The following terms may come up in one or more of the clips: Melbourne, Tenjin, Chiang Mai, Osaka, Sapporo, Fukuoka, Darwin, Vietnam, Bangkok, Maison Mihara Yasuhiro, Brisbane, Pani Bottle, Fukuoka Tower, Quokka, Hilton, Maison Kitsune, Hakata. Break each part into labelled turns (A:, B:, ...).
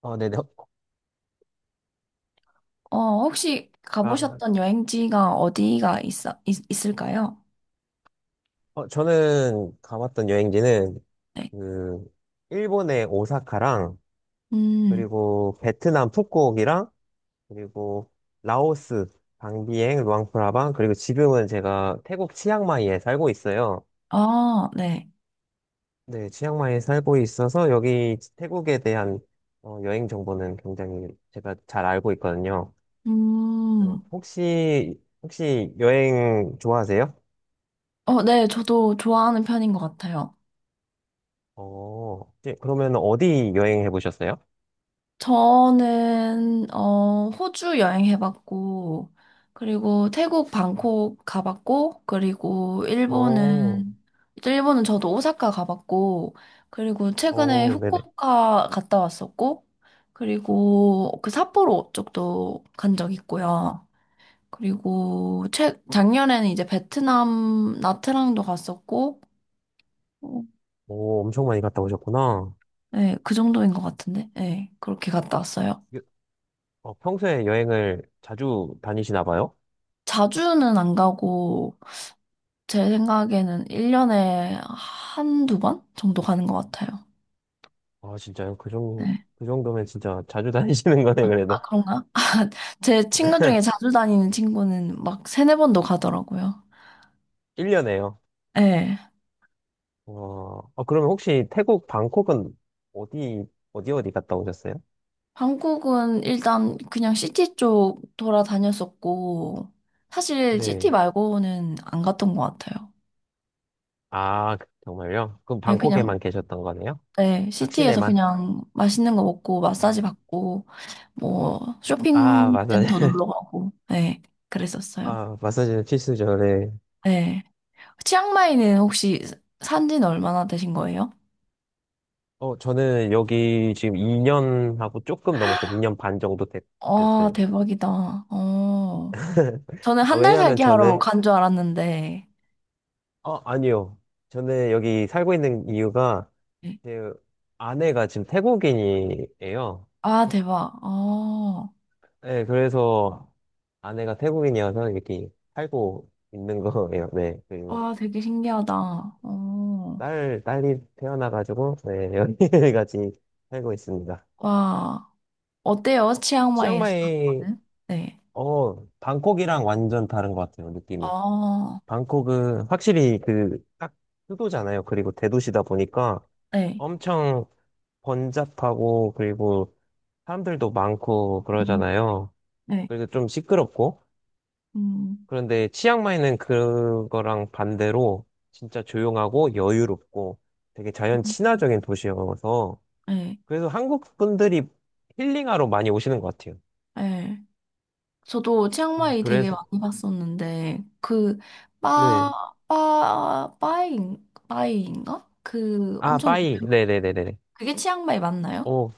A: 네네.
B: 어, 혹시
A: 아,
B: 가보셨던 여행지가 어디가 있을까요?
A: 저는 가봤던 여행지는
B: 네.
A: 그 일본의 오사카랑
B: 음,
A: 그리고 베트남 푸꾸옥이랑 그리고 라오스 방비엥 루앙프라방, 그리고 지금은 제가 태국 치앙마이에 살고 있어요.
B: 아, 네.
A: 네, 치앙마이에 살고 있어서 여기 태국에 대한 여행 정보는 굉장히 제가 잘 알고 있거든요. 어,
B: 음,
A: 혹시 혹시 여행 좋아하세요?
B: 네, 저도 좋아하는 편인 것 같아요.
A: 이제 그러면 어디 여행해 보셨어요?
B: 저는, 호주 여행해봤고, 그리고 태국 방콕 가봤고, 그리고
A: 어,
B: 일본은 저도 오사카 가봤고, 그리고 최근에
A: 네네.
B: 후쿠오카 갔다 왔었고, 그리고 그 삿포로 쪽도 간 적 있고요. 그리고 작년에는 이제 베트남 나트랑도 갔었고, 어,
A: 오, 엄청 많이 갔다 오셨구나.
B: 네, 그 정도인 것 같은데, 네, 그렇게 갔다 왔어요.
A: 여- 평소에 여행을 자주 다니시나 봐요?
B: 자주는 안 가고, 제 생각에는 1년에 한두 번 정도 가는 것 같아요.
A: 아, 진짜요?
B: 네.
A: 그 정도면 진짜 자주 다니시는 거네,
B: 아,
A: 그래도.
B: 그런가? 제 친구 중에 자주 다니는 친구는 막 세네 번도 가더라고요.
A: 1년에요.
B: 네.
A: 와, 아, 그러면 혹시 태국 방콕은 어디, 어디 갔다 오셨어요?
B: 한국은 일단 그냥 시티 쪽 돌아다녔었고, 사실 시티
A: 네.
B: 말고는 안 갔던 것 같아요.
A: 아, 정말요? 그럼
B: 네, 그냥
A: 방콕에만 계셨던 거네요?
B: 네,
A: 딱
B: 시티에서
A: 시내만?
B: 그냥 맛있는 거 먹고 마사지
A: 음.
B: 받고 뭐
A: 아, 마사지.
B: 쇼핑센터 놀러 가고 네, 그랬었어요.
A: 아, 마사지는 필수죠, 네.
B: 네. 치앙마이는 혹시 산 지는 얼마나 되신 거예요?
A: 어, 저는 여기 지금 2년 하고 조금 넘었어요. 2년 반 정도 됐,
B: 아,
A: 됐어요.
B: 대박이다. 어. 저는
A: 아,
B: 한 달
A: 왜냐면
B: 살기 하러
A: 저는,
B: 간 줄 알았는데.
A: 아니요. 저는 여기 살고 있는 이유가
B: 네.
A: 제 아내가 지금 태국인이에요.
B: 아, 대박. 어.
A: 네, 그래서 아내가 태국인이어서 이렇게 살고 있는 거예요. 네, 그리고
B: 와, 되게 신기하다. 어.
A: 딸이 태어나가지고, 네, 여기까지 살고 있습니다.
B: 와. 어때요? 치앙마이에서 사는
A: 치앙마이,
B: 거는? 네.
A: 방콕이랑 완전 다른 것 같아요, 느낌이.
B: 아,
A: 방콕은 확실히 그 딱 수도잖아요. 그리고 대도시다 보니까
B: 네.
A: 엄청 번잡하고, 그리고 사람들도 많고
B: 음,
A: 그러잖아요.
B: 네.
A: 그래서 좀 시끄럽고,
B: 음.
A: 그런데 치앙마이는 그거랑 반대로 진짜 조용하고 여유롭고 되게 자연
B: 음.
A: 친화적인 도시여서,
B: 예,
A: 그래서 한국 분들이 힐링하러 많이 오시는 것 같아요.
B: 예. 저도 치앙마이 되게
A: 그래서
B: 많이 봤었는데, 그,
A: 네.
B: 빠, 빠, 빠잉, 빠잉인가? 그
A: 아,
B: 엄청
A: 빠이.
B: 유명,
A: 네네네네.
B: 그게 치앙마이 맞나요?
A: 오,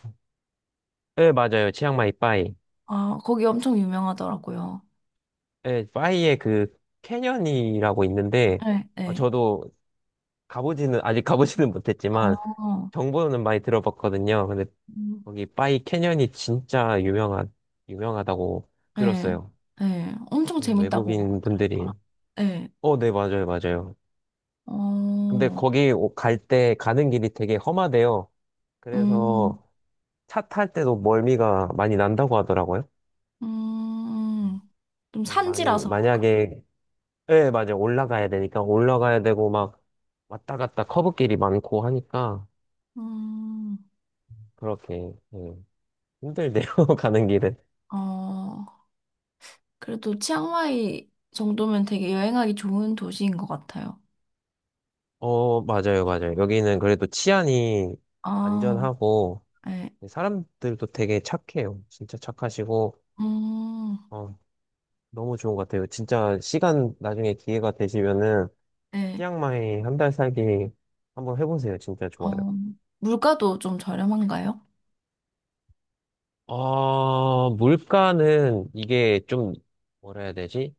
A: 네, 맞아요. 치앙마이 빠이.
B: 아, 거기 엄청 유명하더라고요.
A: 네, 파이에 그 캐년이라고 있는데,
B: 네, 네.
A: 저도 가보지는 아직 가보지는 못했지만
B: 아,
A: 정보는 많이 들어봤거든요. 근데
B: 음,
A: 거기 파이 캐년이 진짜 유명한 유명하다고
B: 네,
A: 들었어요.
B: 네. 엄청 재밌다고
A: 외국인
B: 그러더라.
A: 분들이,
B: 네,
A: 네, 맞아요, 맞아요. 근데
B: 어,
A: 거기 갈 때 가는 길이 되게 험하대요.
B: 음, 음,
A: 그래서 차 탈 때도 멀미가 많이 난다고 하더라고요.
B: 음. 좀
A: 음, 많이
B: 산지라서. 그런.
A: 만약에 예, 맞아. 올라가야 되고, 막, 왔다 갔다 커브길이 많고 하니까,
B: 음,
A: 그렇게, 예, 힘들대요, 가는 길은.
B: 어. 그래도 치앙마이 정도면 되게 여행하기 좋은 도시인 것 같아요.
A: 어, 맞아요, 맞아요. 여기는 그래도 치안이
B: 아,
A: 안전하고,
B: 네.
A: 사람들도 되게 착해요. 진짜 착하시고,
B: 음,
A: 어, 너무 좋은 것 같아요. 나중에 기회가 되시면은
B: 네.
A: 치앙마이 한 달 살기 한번 해보세요. 진짜 좋아요.
B: 어, 물가도 좀 저렴한가요?
A: 물가는 이게 좀, 뭐라 해야 되지?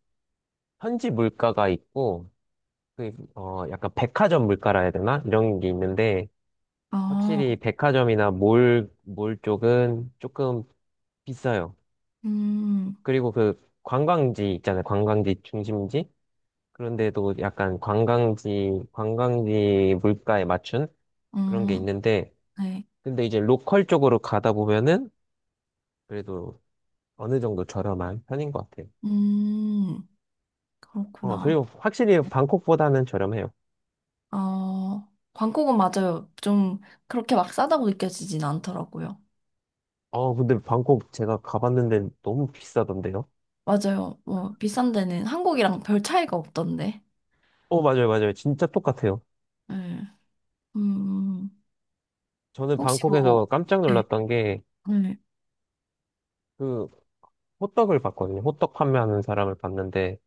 A: 현지 물가가 있고, 약간 백화점 물가라 해야 되나? 이런 게 있는데,
B: 아,
A: 확실히 백화점이나 몰 쪽은 조금 비싸요.
B: 음,
A: 그리고 그 관광지 있잖아요. 관광지 중심지? 그런데도 약간 관광지 물가에 맞춘 그런 게
B: 음,
A: 있는데,
B: 네.
A: 근데 이제 로컬 쪽으로 가다 보면은, 그래도 어느 정도 저렴한 편인 것 같아요.
B: 음,
A: 어,
B: 그렇구나.
A: 그리고 확실히
B: 네.
A: 방콕보다는 저렴해요.
B: 어, 방콕은 맞아요. 좀 그렇게 막 싸다고 느껴지진 않더라고요.
A: 어, 근데 방콕 제가 가봤는데 너무 비싸던데요?
B: 맞아요. 뭐, 비싼 데는 한국이랑 별 차이가 없던데.
A: 어, 맞아요, 맞아요. 진짜 똑같아요.
B: 네. 음,
A: 저는
B: 혹시 뭐,
A: 방콕에서 깜짝
B: 네.
A: 놀랐던 게,
B: 네.
A: 그, 호떡을 봤거든요. 호떡 판매하는 사람을 봤는데,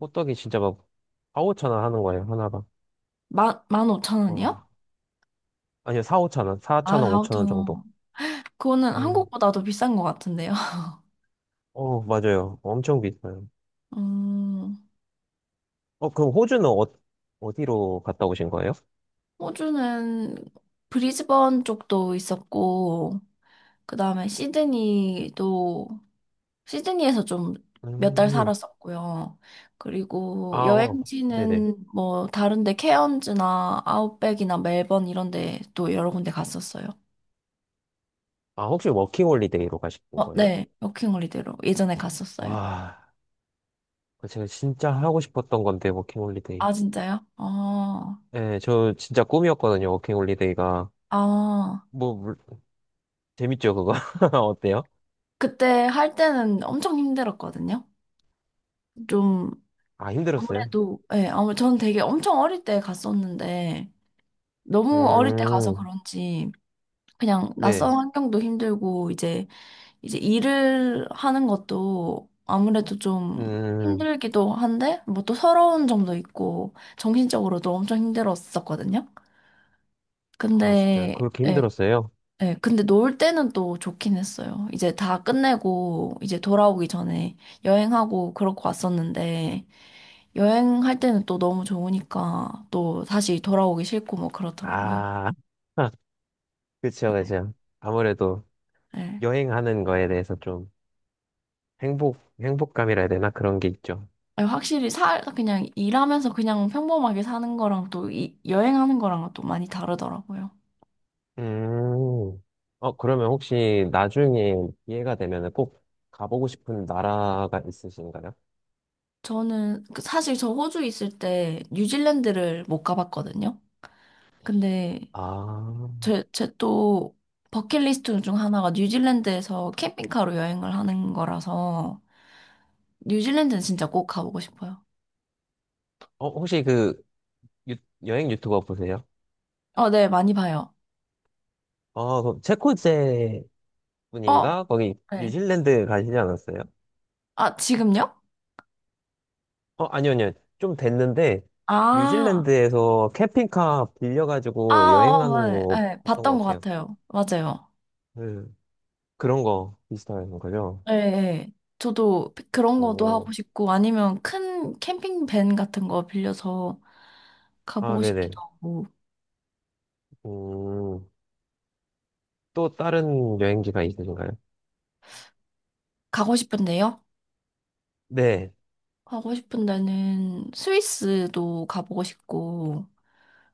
A: 호떡이 진짜 막, 4, 5천 원 하는 거예요, 하나가.
B: 만 오천 원이요?
A: 와, 아니요,
B: 아,
A: 4천 원,
B: 4 5
A: 5천 원
B: 0
A: 정도.
B: 원 그거는
A: 음.
B: 한국보다도 비싼 것 같은데요.
A: 어, 맞아요. 엄청 비싸요.
B: 음,
A: 어, 그럼 호주는 어디로 갔다 오신 거예요?
B: 호주는 브리즈번 쪽도 있었고, 그 다음에 시드니도, 시드니에서 좀 몇 달
A: 음,
B: 살았었고요.
A: 아,
B: 그리고
A: 어, 네네.
B: 여행지는 뭐 다른데 케언즈나 아웃백이나 멜번 이런 데 또 여러 군데 갔었어요.
A: 아, 혹시 워킹홀리데이로 가신
B: 어,
A: 거예요?
B: 네. 워킹홀리데이로 예전에 갔었어요.
A: 와, 그거 제가 진짜 하고 싶었던 건데, 워킹홀리데이.
B: 아, 진짜요? 어,
A: 네, 저 진짜 꿈이었거든요, 워킹홀리데이가.
B: 아,
A: 뭐, 물- 재밌죠, 그거? 어때요?
B: 그때 할 때는 엄청 힘들었거든요. 좀
A: 아, 힘들었어요.
B: 아무래도 예, 아무 전 되게 엄청 어릴 때 갔었는데 너무 어릴 때 가서
A: 음,
B: 그런지 그냥 낯선
A: 네.
B: 환경도 힘들고 이제 일을 하는 것도 아무래도 좀
A: 음,
B: 힘들기도 한데 뭐 또 서러운 점도 있고 정신적으로도 엄청 힘들었었거든요.
A: 아, 진짜요?
B: 근데
A: 그렇게
B: 예,
A: 힘들었어요?
B: 네, 근데 놀 때는 또 좋긴 했어요. 이제 다 끝내고, 이제 돌아오기 전에 여행하고 그렇고 왔었는데, 여행할 때는 또 너무 좋으니까, 또 다시 돌아오기 싫고 뭐 그렇더라고요.
A: 아, 그쵸, 그쵸. 아무래도
B: 네.
A: 여행하는 거에 대해서 좀 행복감이라 해야 되나? 그런 게 있죠.
B: 아니, 확실히 그냥 일하면서 그냥 평범하게 사는 거랑 또 여행하는 거랑은 또 많이 다르더라고요.
A: 음, 어, 그러면 혹시 나중에 기회가 되면 꼭 가보고 싶은 나라가 있으신가요?
B: 저는 그 사실 저 호주 있을 때 뉴질랜드를 못 가봤거든요. 근데
A: 아,
B: 제 또 버킷리스트 중 하나가 뉴질랜드에서 캠핑카로 여행을 하는 거라서 뉴질랜드는 진짜 꼭 가보고 싶어요.
A: 어, 혹시 그 유- 여행 유튜버 보세요?
B: 네, 많이 봐요.
A: 어, 그럼 체코제
B: 어,
A: 분인가? 거기
B: 네.
A: 뉴질랜드 가시지 않았어요?
B: 아, 지금요?
A: 아니요. 좀 됐는데,
B: 아,
A: 뉴질랜드에서 캠핑카
B: 아,
A: 빌려가지고 여행 가는
B: 어, 네,
A: 거
B: 네,
A: 봤던
B: 봤던
A: 것
B: 것
A: 같아요.
B: 같아요. 맞아요.
A: 네. 그런 거 비슷한 거죠?
B: 네, 네. 저도 그런 것도 하고
A: 오,
B: 싶고 아니면 큰 캠핑 밴 같은 거 빌려서
A: 아,
B: 가보고
A: 네네.
B: 싶기도 하고.
A: 음, 또 다른 여행지가 있으신가요?
B: 가고 싶은데요?
A: 네.
B: 가고 싶은 데는 스위스도 가보고 싶고,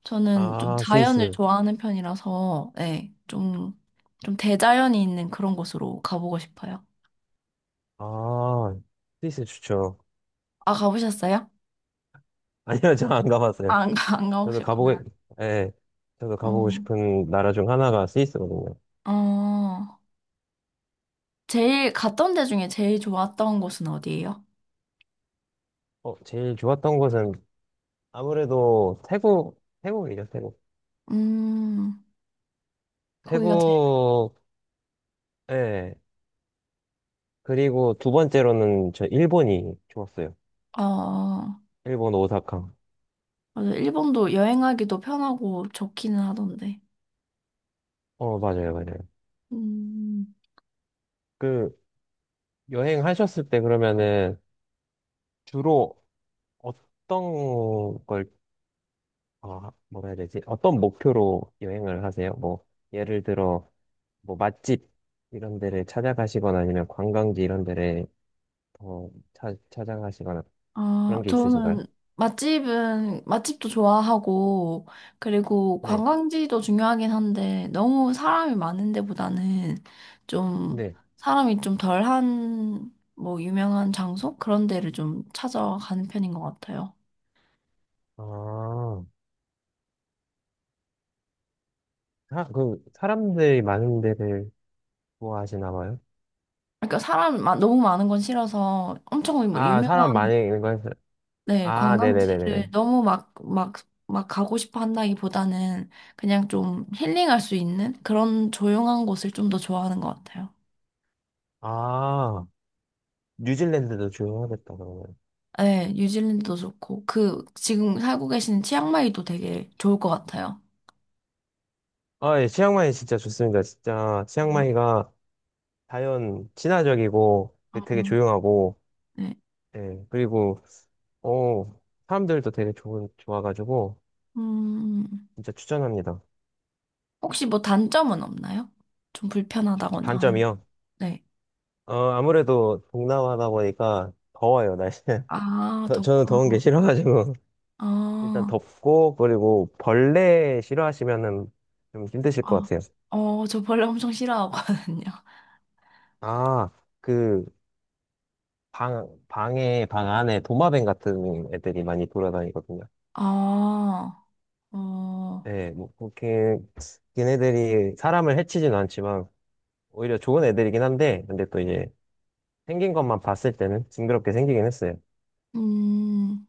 B: 저는 좀
A: 아,
B: 자연을
A: 스위스.
B: 좋아하는 편이라서, 네, 좀, 대자연이 있는 그런 곳으로 가보고 싶어요.
A: 아, 스위스 좋죠.
B: 아, 가보셨어요?
A: 아니요, 저 안 가봤어요.
B: 아, 안, 가- 안
A: 저도
B: 가보셨구나.
A: 예. 저도
B: 어,
A: 가보고 싶은 나라 중 하나가 스위스거든요.
B: 어, 제일 갔던 데 중에 제일 좋았던 곳은 어디예요?
A: 어, 제일 좋았던 곳은 아무래도 태국이죠, 태국.
B: 음, 거기가 제일.
A: 태국, 예. 그리고 두 번째로는 저 일본이 좋았어요.
B: 어, 어.
A: 일본 오사카.
B: 맞아. 일본도 여행하기도 편하고 좋기는 하던데.
A: 어, 맞아요, 맞아요.
B: 음.
A: 그, 여행하셨을 때 그러면은 주로 어떤 걸, 뭐라 해야 되지? 어떤 목표로 여행을 하세요? 예를 들어, 뭐, 맛집 이런 데를 찾아가시거나 아니면 관광지 이런 데를 더 찾아가시거나
B: 아,
A: 그런 게 있으신가요?
B: 저는. 맛집은, 맛집도 좋아하고, 그리고
A: 네,
B: 관광지도 중요하긴 한데, 너무 사람이 많은 데보다는 좀,
A: 네.
B: 사람이 좀 덜한, 뭐, 유명한 장소? 그런 데를 좀 찾아가는 편인 것 같아요.
A: 아. 사람들이 많은 데를 좋아하시나 봐요?
B: 그러니까 사람 너무 많은 건 싫어서 엄청 막
A: 아,
B: 유명한,
A: 사람 많이 있는 거,
B: 네,
A: 아,
B: 관광지를
A: 네네네네네.
B: 너무 막 가고 싶어 한다기보다는 그냥 좀 힐링할 수 있는 그런 조용한 곳을 좀 더 좋아하는 것 같아요.
A: 아, 뉴질랜드도 좋아하겠다, 그러면.
B: 네, 뉴질랜드도 좋고, 그, 지금 살고 계시는 치앙마이도 되게 좋을 것 같아요.
A: 아, 예, 치앙마이 진짜 좋습니다. 진짜, 치앙마이가 자연 친화적이고, 그 되게
B: 음,
A: 조용하고,
B: 네.
A: 예, 그리고, 어, 사람들도 되게 좋아가지고,
B: 음,
A: 진짜 추천합니다.
B: 혹시 뭐 단점은 없나요? 좀 불편하다거나 하는 거.
A: 단점이요?
B: 네.
A: 어, 아무래도 동남아다 보니까 더워요, 날씨는.
B: 아,
A: 저는 더운 게
B: 덥구나.
A: 싫어가지고. 일단
B: 아,
A: 덥고, 그리고 벌레 싫어하시면은 좀 힘드실 것
B: 아,
A: 같아요.
B: 저 벌레 엄청 싫어하거든요.
A: 아, 그 방 안에 도마뱀 같은 애들이 많이 돌아다니거든요.
B: 아, 어,
A: 네, 뭐 그렇게 걔네들이 사람을 해치진 않지만 오히려 좋은 애들이긴 한데, 근데 또 이제 생긴 것만 봤을 때는 징그럽게 생기긴 했어요.
B: 음,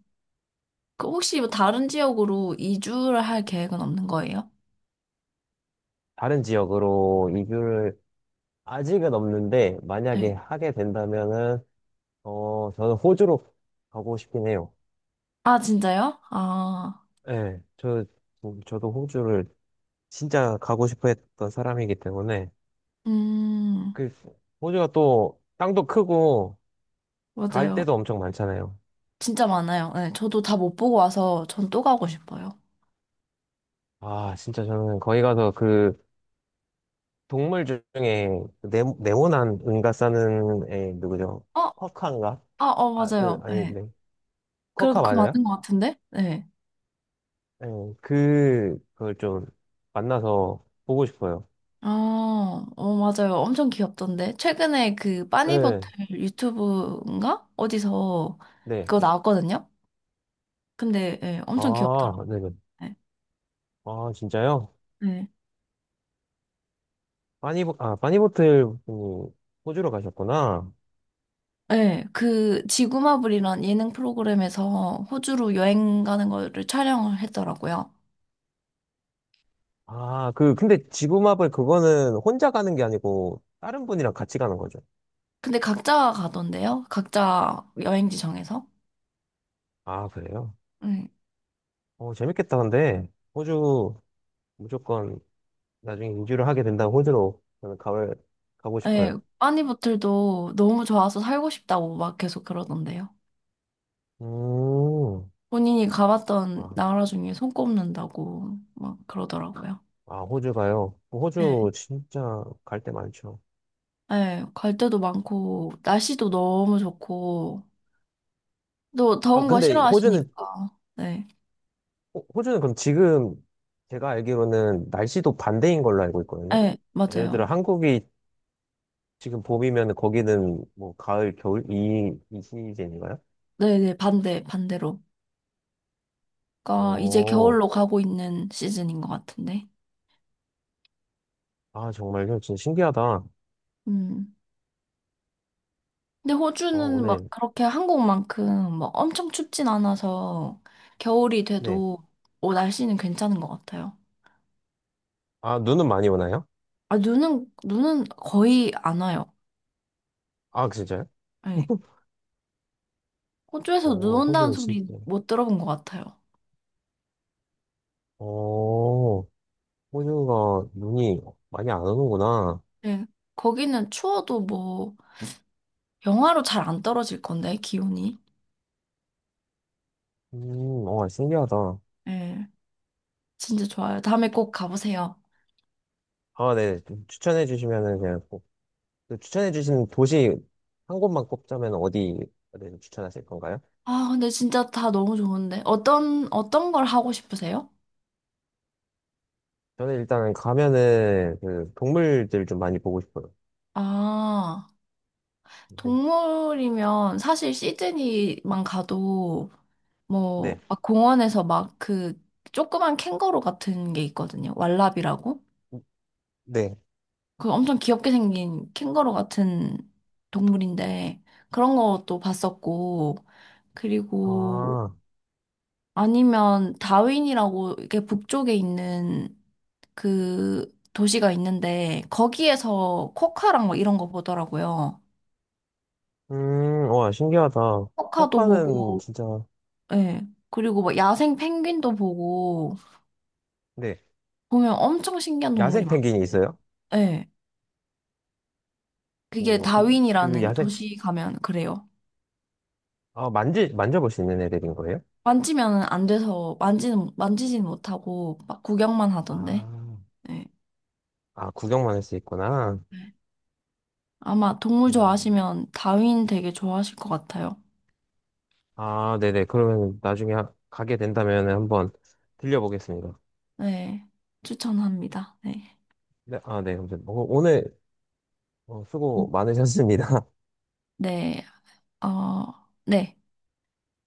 B: 그 혹시 뭐 다른 지역으로 이주를 할 계획은 없는 거예요?
A: 다른 지역으로 이주를 아직은 없는데, 만약에
B: 네.
A: 하게 된다면은 어 저는 호주로 가고 싶긴 해요.
B: 아, 진짜요? 아,
A: 네, 저, 저도 호주를 진짜 가고 싶어 했던 사람이기 때문에,
B: 음,
A: 그, 호주가 또 땅도 크고, 갈
B: 맞아요.
A: 데도 엄청 많잖아요.
B: 진짜 많아요. 네, 저도 다 못 보고 와서 전 또 가고 싶어요.
A: 아, 진짜 저는 거기 가서 그, 동물 중에, 그 네, 네모난 은가 싸는 애, 누구죠?
B: 어,
A: 쿼카인가?
B: 아, 어,
A: 아, 그,
B: 맞아요.
A: 아니,
B: 네.
A: 네.
B: 그럼
A: 쿼카
B: 그
A: 맞아요?
B: 맞는 것 같은데? 네.
A: 네, 그걸 좀 만나서 보고 싶어요.
B: 아, 맞아요. 엄청 귀엽던데. 최근에 그
A: 네,
B: 빠니버틀 유튜브인가? 어디서
A: 네.
B: 그거 나왔거든요. 근데 예, 엄청
A: 아,
B: 귀엽더라고요.
A: 네네. 아, 진짜요?
B: 네.
A: 바니보틀 그 호주로 가셨구나.
B: 네, 그 지구마블이란 예능 프로그램에서 호주로 여행 가는 거를 촬영을 했더라고요.
A: 아, 근데 지구마블 그거는 혼자 가는 게 아니고 다른 분이랑 같이 가는 거죠.
B: 근데 각자 가던데요? 각자 여행지 정해서?
A: 아, 그래요?
B: 예.
A: 어, 재밌겠다, 근데. 호주 무조건 나중에 인주를 하게 된다면 호주로 저는 가고
B: 예,
A: 싶어요.
B: 빠니보틀도 너무 좋아서 살고 싶다고 막 계속 그러던데요.
A: 음,
B: 본인이 가봤던
A: 아,
B: 나라 중에 손꼽는다고 막 그러더라고요.
A: 아, 호주 가요.
B: 예,
A: 호주 진짜 갈 데 많죠.
B: 예, 갈 데도 많고, 날씨도 너무 좋고, 또
A: 아,
B: 더운 거
A: 근데 호주는,
B: 싫어하시니까. 네,
A: 호주는 그럼 지금 제가 알기로는 날씨도 반대인 걸로 알고 있거든요.
B: 예,
A: 예를
B: 맞아요.
A: 들어 한국이 지금 봄이면 거기는 뭐 가을, 겨울 이 시즌인가요?
B: 네네, 반대로. 그러니까 이제
A: 오,
B: 겨울로 가고 있는 시즌인 것 같은데.
A: 아 정말요? 진짜 신기하다. 어,
B: 음. 근데 호주는 막
A: 오늘
B: 그렇게 한국만큼 막 엄청 춥진 않아서 겨울이
A: 네.
B: 돼도 날씨는 괜찮은 것 같아요.
A: 아 눈은 많이 오나요?
B: 아, 눈은, 거의 안 와요.
A: 아 진짜요?
B: 네. 호주에서 눈
A: 오,
B: 온다는
A: 호주는
B: 소리
A: 진짜.
B: 못 들어본 것 같아요.
A: 오, 호주가 눈이 많이 안 오는구나.
B: 네. 거기는 추워도 뭐 영하로 잘 안 떨어질 건데, 기온이.
A: 어 신기하다.
B: 네. 진짜 좋아요. 다음에 꼭 가보세요.
A: 아 네, 추천해 주시면은 그냥 꼭. 그 추천해 주신 도시 한 곳만 꼽자면 어디를 추천하실 건가요?
B: 아, 근데 진짜 다 너무 좋은데. 어떤 걸 하고 싶으세요?
A: 저는 일단은 가면은 그 동물들 좀 많이 보고 싶어요.
B: 아.
A: 네.
B: 동물이면 사실 시드니만 가도
A: 네.
B: 뭐 막 공원에서 막 그 조그만 캥거루 같은 게 있거든요. 왈라비라고.
A: 네.
B: 그 엄청 귀엽게 생긴 캥거루 같은 동물인데 그런 것도 봤었고, 그리고
A: 아,
B: 아니면 다윈이라고 이게 북쪽에 있는 그 도시가 있는데 거기에서 코카랑 막 이런 거 보더라고요.
A: 와, 신기하다.
B: 코카도
A: 쿼카는
B: 보고.
A: 진짜,
B: 예. 그리고 막 야생 펭귄도 보고
A: 네,
B: 보면 엄청 신기한 동물이
A: 야생 펭귄이
B: 많거든요.
A: 있어요?
B: 예. 그게
A: 오, 그
B: 다윈이라는
A: 야생,
B: 도시 가면 그래요.
A: 만져볼 수 있는 애들인 거예요?
B: 만지면 안 돼서 만지는 만지진 못하고 막 구경만 하던데.
A: 아,
B: 예.
A: 아, 구경만 할 수 있구나.
B: 네. 아마 동물
A: 어,
B: 좋아하시면 다윈 되게 좋아하실 것 같아요.
A: 아, 네네. 그러면 나중에 가게 된다면 한번 들려보겠습니다.
B: 네. 추천합니다. 네.
A: 네, 아, 네. 감사합니다. 오늘 어, 수고 많으셨습니다.
B: 네. 어, 네.